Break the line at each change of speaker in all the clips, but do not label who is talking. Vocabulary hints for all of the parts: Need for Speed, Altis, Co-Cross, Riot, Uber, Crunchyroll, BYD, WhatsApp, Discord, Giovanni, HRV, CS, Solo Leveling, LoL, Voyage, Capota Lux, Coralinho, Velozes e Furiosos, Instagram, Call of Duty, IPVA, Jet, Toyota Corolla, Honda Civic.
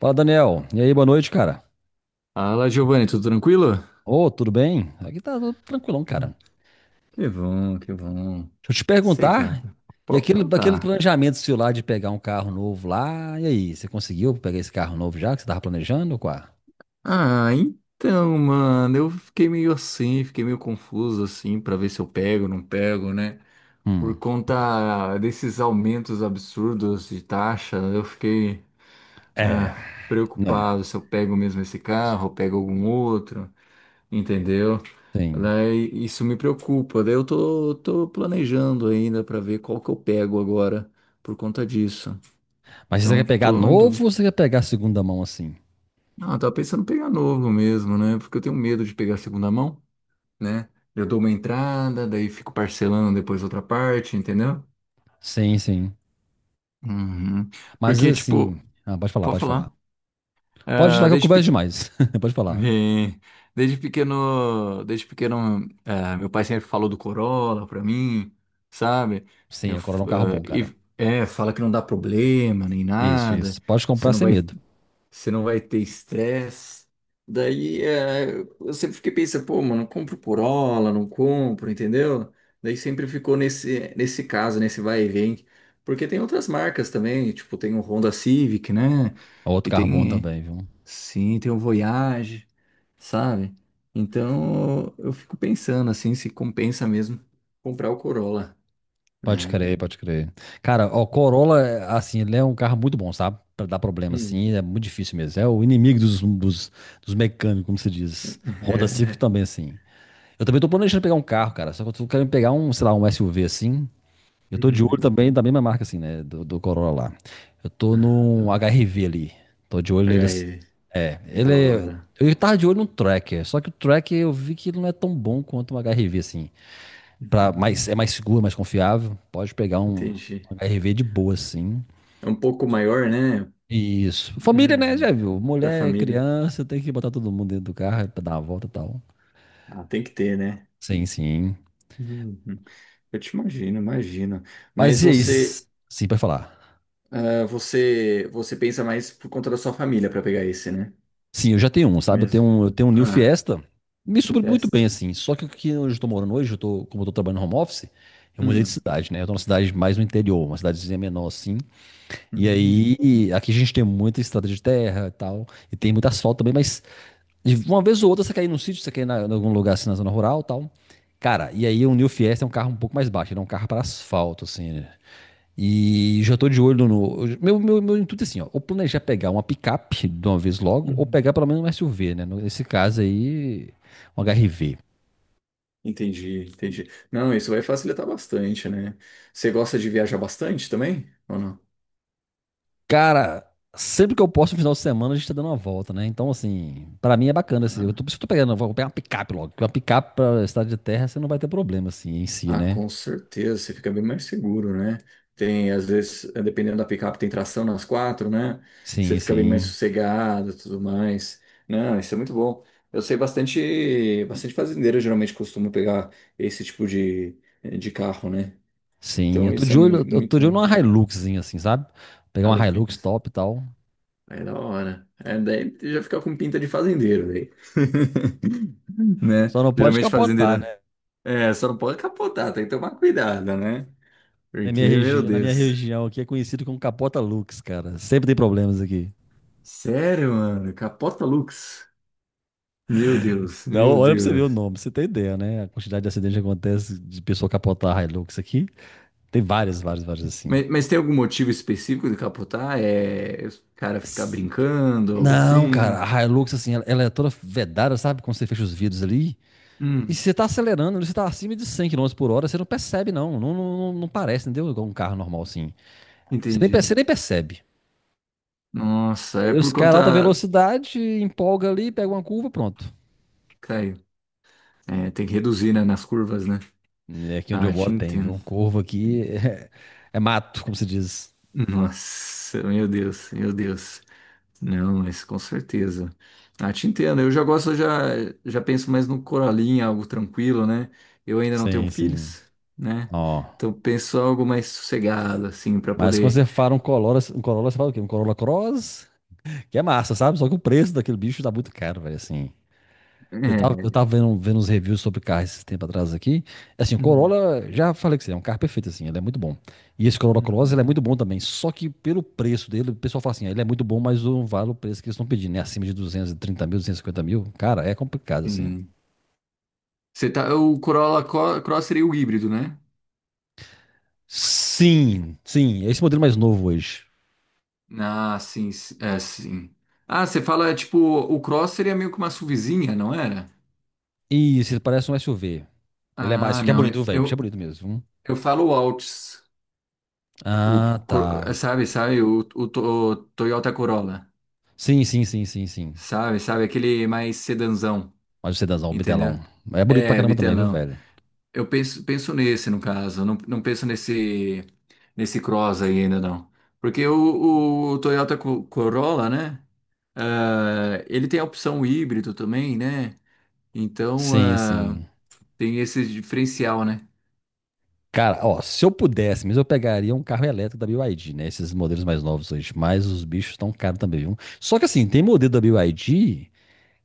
Fala, Daniel. E aí, boa noite, cara.
Fala, Giovanni, tudo tranquilo?
Ô, tudo bem? Aqui tá tudo tranquilão, cara.
Que bom, que bom.
Deixa eu te perguntar,
Cegada.
e
Pode
aquele, daquele
perguntar.
planejamento seu lá de pegar um carro novo lá, e aí, você conseguiu pegar esse carro novo já que você tava planejando, ou qual?
Ah, então, mano, eu fiquei meio confuso assim, pra ver se eu pego ou não pego, né? Por
Hum,
conta desses aumentos absurdos de taxa, eu fiquei
é,
ah,
né,
preocupado se eu pego mesmo esse carro, eu pego algum outro, entendeu?
tem.
Daí isso me preocupa. Daí eu tô planejando ainda pra ver qual que eu pego agora por conta disso.
Mas você
Então,
quer pegar
tô em
novo
dúvida.
ou você quer pegar segunda mão assim?
Ah, eu tava pensando em pegar novo mesmo, né? Porque eu tenho medo de pegar segunda mão, né? Eu dou uma entrada, daí fico parcelando depois outra parte, entendeu?
Sim, sim.
Uhum.
Mas
Porque,
assim,
tipo,
ah, pode falar,
pode
pode falar.
falar.
Pode ir lá
Ah,
que eu
desde,
converso
pe...
demais. Pode falar.
eh, desde pequeno, desde pequeno, meu pai sempre falou do Corolla pra mim, sabe?
Sim,
Eu,
a
f-
Corolla é um carro
ah,
bom, cara.
e, é, fala que não dá problema nem
Isso, isso.
nada.
Pode
Você
comprar
não
sem
vai
medo.
Você não vai ter estresse. Daí é, eu sempre fiquei pensando, pô, mano, compro Corolla, não compro, entendeu? Daí sempre ficou nesse caso, nesse vai e vem. Porque tem outras marcas também, tipo, tem o Honda Civic, né?
É outro
E
carro bom
tem,
também, viu?
sim, tem o Voyage, sabe? Então eu fico pensando assim, se compensa mesmo comprar o Corolla,
Pode
né?
crer, pode crer. Cara, o Corolla, é, assim, ele é um carro muito bom, sabe? Pra dar problema,
Hum.
assim, é muito difícil mesmo. É o inimigo dos, dos mecânicos, como se diz. Honda
É,
Civic
né?
também, assim. Eu também tô planejando pegar um carro, cara. Só que eu tô querendo pegar um, sei lá, um SUV, assim. Eu tô de olho
Uhum.
também da mesma marca, assim, né? Do Corolla lá. Eu tô num
Ah,
HRV ali. Tô de olho nele, assim.
HRV,
É,
da
ele é...
hora.
Eu tava de olho no Tracker, só que o Tracker eu vi que ele não é tão bom quanto o HRV, assim. Pra mais,
Uhum.
é mais seguro, mais confiável. Pode pegar um
Entendi.
HRV de boa, assim.
É um pouco maior, né?
Isso. Família, né?
Uhum.
Já viu?
Para
Mulher,
família.
criança, tem que botar todo mundo dentro do carro pra dar uma volta e tal.
Ah, tem que ter, né?
Sim, sim.
Uhum. Eu te imagino, imagino. Mas
Mas e aí?
você,
Sim, pra falar.
ah, você pensa mais por conta da sua família para pegar esse, né?
Sim, eu já tenho um, sabe? Eu tenho
Mesmo.
um, eu tenho um New
Ah,
Fiesta. Me
de
supre muito
festa.
bem, assim. Só que aqui onde eu tô morando hoje, como eu tô trabalhando no home office, eu mudei de
Hum.
cidade, né? Eu tô numa cidade mais no interior, uma cidadezinha menor, assim. E
Uhum.
aí, aqui a gente tem muita estrada de terra e tal, e tem muito asfalto também, mas de uma vez ou outra você cair num sítio, você cair em algum lugar assim na zona rural e tal. Cara, e aí o New Fiesta é um carro um pouco mais baixo, ele é um carro para asfalto, assim, né? E já tô de olho no. Meu intuito é assim, ó. Ou planejar pegar uma picape de uma vez logo, ou
Uhum.
pegar pelo menos um SUV, né? Nesse caso aí, um HRV.
Entendi, entendi. Não, isso vai facilitar bastante, né? Você gosta de viajar bastante também? Ou
Cara, sempre que eu posso no final de semana, a gente tá dando uma volta, né? Então, assim, pra mim é bacana. Assim, eu
não?
tô, por isso que eu tô pegando, eu vou pegar uma picape logo. Porque uma picape pra estrada de terra, você não vai ter problema, assim, em si,
Ah,
né?
com certeza, você fica bem mais seguro, né? Tem, às vezes, dependendo da picape, tem tração nas quatro, né? Você
Sim,
fica bem mais
sim.
sossegado, e tudo mais. Não, isso é muito bom. Eu sei bastante, bastante fazendeiro, geralmente costuma pegar esse tipo de, de carro, né?
Sim, eu
Então
tô
isso é
de
mui-
olho, eu tô
muito
de olho numa Hiluxzinha, assim, sabe? Pegar uma Hilux
maluquinho.
top e tal.
É da hora. É, daí já fica com pinta de fazendeiro, daí. Né?
Só não pode
Geralmente
capotar, né?
fazendeira. É, só não pode capotar, tem que tomar cuidado, né? Porque, meu
Na minha
Deus.
região aqui é conhecido como capota Lux, cara. Sempre tem problemas aqui.
Sério, mano? Capota Lux? Meu Deus,
Então,
meu
olha pra você ver o
Deus.
nome, pra você tem ideia, né? A quantidade de acidentes que acontece de pessoa capotar a Hilux aqui. Tem várias, várias, várias assim.
Mas tem algum motivo específico de capotar? É o cara ficar brincando, algo
Não,
assim?
cara, a Hilux, assim, ela é toda vedada, sabe? Quando você fecha os vidros ali. E se
Hum,
você tá acelerando, você tá acima de 100 quilômetros por hora, você não percebe, não. Não, não, não parece, entendeu? Igual um carro normal, assim.
entendi.
Você nem percebe.
Nossa,
E
é
aí os
por
caras, alta
conta.
velocidade, empolga ali, pega uma curva, pronto.
Caiu. É, tem que reduzir, né, nas curvas, né?
E aqui onde eu
Ah, te
moro tem,
entendo.
viu? Curva aqui é, é mato, como se diz.
Nossa, meu Deus, meu Deus. Não, mas com certeza. Ah, te entendo. Eu já penso mais no Coralinho, algo tranquilo, né? Eu ainda não tenho
Sim, sim.
filhos, né?
Ó.
Então penso algo mais sossegado, assim, para
Mas quando
poder.
você fala um Corolla, você fala o quê? Um Corolla Cross, que é massa, sabe? Só que o preço daquele bicho tá muito caro, velho, assim. Eu tava, eu
É.
tava vendo, uns reviews sobre carros esse tempo atrás aqui. Assim, o
Uhum,
Corolla, já falei que você é um carro perfeito, assim, ele é muito bom. E esse Corolla Cross,
uhum.
ele é muito bom também. Só que pelo preço dele, o pessoal fala assim, ah, ele é muito bom, mas não vale o preço que eles estão pedindo, né? Acima de 230 mil, 250 mil. Cara, é complicado, assim.
Sim. O Corolla Cross seria o híbrido, né?
Sim, sim, é esse modelo mais novo hoje.
Ah, sim, é, sim. Ah, você fala, tipo, o Cross seria meio que uma SUVzinha, não era?
Isso, ele parece um SUV. Ele é mais,
Ah,
só que é
não,
bonito,
eu,
viu, velho. O bicho é
eu,
bonito mesmo. Viu?
eu falo o Altis. O,
Ah,
Cor-
tá.
sabe, sabe, o Toyota Corolla,
Sim, sim, sim, sim, sim.
sabe, sabe, aquele mais sedanzão,
Mas o sedãzão, o
entendeu?
bitelão. É bonito pra
É,
caramba também, viu,
bitelão.
velho?
Eu penso nesse, no caso, não, não penso nesse Cross aí ainda não. Porque o Toyota Corolla, né, ele tem a opção híbrido também, né, então
Sim, sim.
tem esse diferencial, né?
Cara, ó, se eu pudesse, mas eu pegaria um carro elétrico da BYD, né? Esses modelos mais novos hoje. Mas os bichos estão caros também, viu? Só que assim, tem modelo da BYD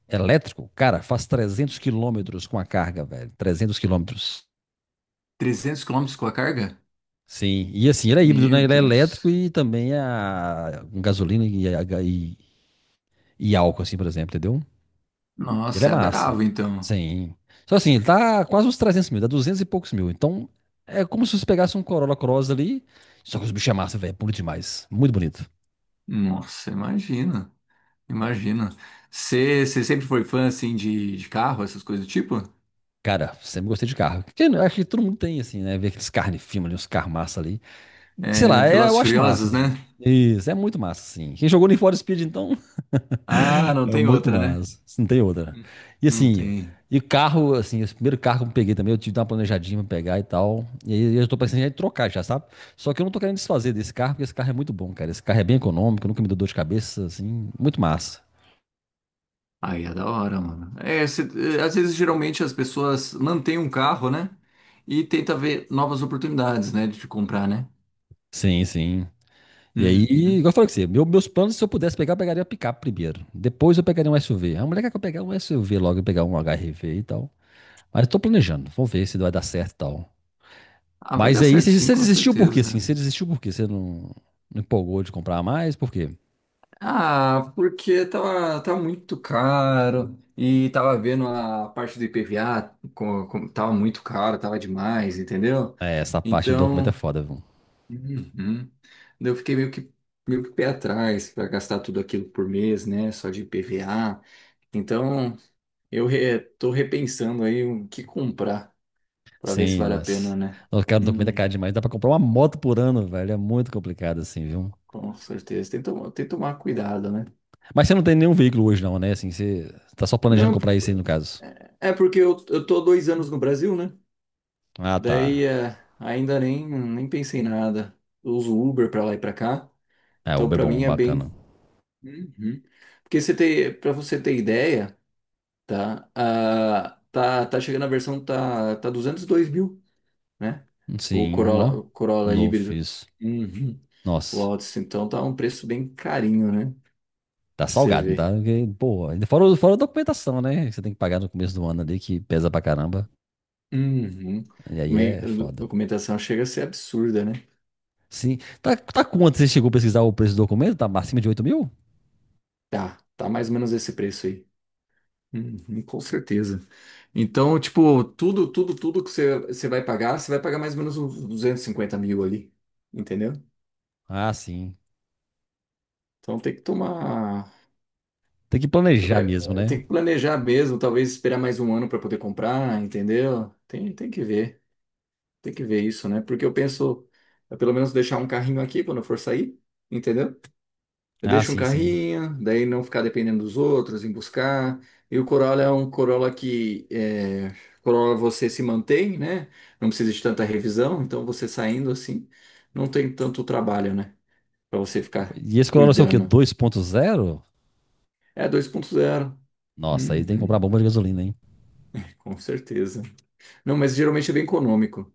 elétrico, cara, faz 300 quilômetros com a carga, velho. 300 quilômetros.
300 quilômetros com a carga?
Sim. E assim, ele é híbrido,
Meu
né? Ele é elétrico
Deus,
e também é a com gasolina e álcool, assim, por exemplo, entendeu? Ele é
nossa, é
massa.
bravo então.
Sim. Só assim, ele tá quase uns 300 mil, dá 200 e poucos mil. Então, é como se você pegasse um Corolla Cross ali. Só que os bichos é massa, velho. É bonito demais. Muito bonito.
Nossa, imagina, imagina. Você sempre foi fã assim de carro, essas coisas do tipo?
Cara, sempre gostei de carro. Que, né, acho que todo mundo tem, assim, né? Ver aqueles carros de filme ali, uns carros massa ali. Sei
É,
lá, é,
Velozes
eu
e
acho massa,
Furiosos,
assim.
né?
Isso, é muito massa, assim. Quem jogou no Need for Speed, então,
Ah, não
é
tem
muito
outra, né?
massa. Isso não tem outra.
Hum.
E
Não
assim,
tem.
e carro, assim, esse primeiro carro que eu peguei também, eu tive que dar uma planejadinha pra pegar e tal. E aí eu tô pensando em trocar já, sabe? Só que eu não tô querendo desfazer desse carro, porque esse carro é muito bom, cara. Esse carro é bem econômico, nunca me deu dor de cabeça, assim, muito massa.
Aí é da hora, mano. É, às vezes, geralmente, as pessoas mantêm um carro, né? E tenta ver novas oportunidades, né? De comprar, né?
Sim, sim. E aí,
Uhum.
igual eu falei com você, meus planos, se eu pudesse pegar, eu pegaria a picape primeiro. Depois eu pegaria um SUV. A mulher quer que eu pegar um SUV logo e pegar um HRV e tal. Mas eu tô planejando, vamos ver se vai dar certo e tal.
Ah, vai
Mas
dar
aí,
certo
você
sim,
você
com
desistiu por quê, assim?
certeza.
Você desistiu por quê? Você não, não empolgou de comprar mais? Por quê?
Ah, porque tava muito caro e tava vendo a parte do IPVA, tava muito caro, tava demais, entendeu?
É, essa parte do documento
Então,
é foda, viu?
uhum. Daí eu fiquei meio que pé atrás para gastar tudo aquilo por mês, né? Só de IPVA. Então, tô repensando aí o que comprar para ver se
Sim,
vale a pena,
nossa.
né?
Nossa, cara, o documento é
Hum,
caro demais. Dá pra comprar uma moto por ano, velho. É muito complicado, assim, viu?
com certeza. Tem que tomar cuidado, né?
Mas você não tem nenhum veículo hoje, não, né? Assim, você tá só planejando
Não,
comprar isso aí, no caso.
é porque eu, tô há dois anos no Brasil, né?
Ah,
Daí
tá.
ainda nem pensei em nada. Eu uso Uber para lá e para cá.
É,
Então
Uber é
para mim
bom,
é
bacana.
bem. Uhum. Porque você tem, para você ter ideia, tá? Ah, tá, tá chegando a versão tá 202.000, né? O
Sim,
Corolla,
nó.
o
O
Corolla
novo
híbrido.
fiz.
Uhum. O
Nossa,
Altis, então tá um preço bem carinho, né?
tá
Pra você
salgado, não tá?
ver.
Porque, pô, ainda fora, fora a documentação, né? Que você tem que pagar no começo do ano ali, que pesa pra caramba.
Uhum.
E aí
Me-
é foda.
Documentação chega a ser absurda, né?
Sim. Tá, tá quanto? Você chegou a pesquisar o preço do documento? Tá acima de 8 mil?
Tá, tá mais ou menos esse preço aí. Uhum, com certeza. Então, tipo, tudo que você vai pagar, você vai pagar mais ou menos uns 250.000 ali, entendeu?
Ah, sim.
Então tem que tomar.
Tem que
você
planejar
Vai,
mesmo, né?
tem que planejar mesmo, talvez esperar mais um ano para poder comprar, entendeu? Tem que ver, tem que ver isso, né? Porque eu penso, é pelo menos deixar um carrinho aqui quando eu for sair, entendeu? Eu
Ah,
deixo um
sim, sim.
carrinho, daí não ficar dependendo dos outros em buscar. E o Corolla é um Corolla que é, Corolla você se mantém, né? Não precisa de tanta revisão, então você saindo assim, não tem tanto trabalho, né? Para você ficar
E esse Corolla é o quê?
cuidando.
2.0.
É 2.0.
Nossa, aí tem que
Uhum,
comprar bomba de gasolina, hein?
com certeza. Não, mas geralmente é bem econômico,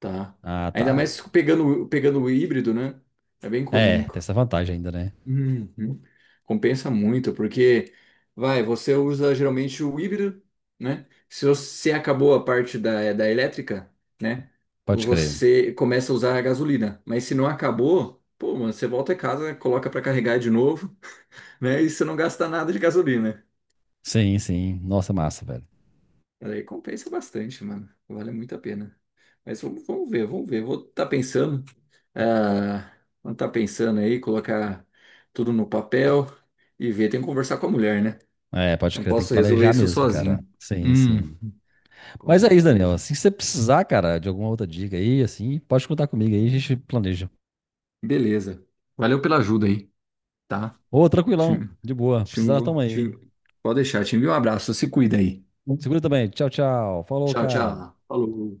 tá?
Ah, tá.
Ainda mais pegando o híbrido, né? É bem
É, tem
econômico.
essa vantagem ainda, né?
Uhum. Compensa muito, porque vai, você usa geralmente o híbrido, né? Se você acabou a parte da elétrica, né?
Pode crer.
Você começa a usar a gasolina. Mas se não acabou, pô, mano, você volta a casa, coloca pra carregar de novo, né? E você não gasta nada de gasolina.
Sim, sim. Nossa, massa, velho.
Aí compensa bastante, mano. Vale muito a pena. Mas vamos ver, vamos ver. Vou estar pensando. ah, vou estar pensando aí, colocar tudo no papel e ver. Tem que conversar com a mulher, né?
É, pode
Não
crer, tem que
posso resolver
planejar
isso
mesmo, cara.
sozinho.
Sim,
Hum,
sim.
com
Mas é isso, Daniel.
certeza.
Assim, se você precisar, cara, de alguma outra dica aí, assim, pode contar comigo aí, a gente planeja.
Beleza. Valeu pela ajuda aí, tá?
Ô,
Te,
tranquilão, de boa.
te,
Precisar, tamo aí.
te- Pode deixar. Te envio um abraço. Se cuida aí.
Segura também. Tchau, tchau. Falou,
Tchau,
cara.
tchau. Falou.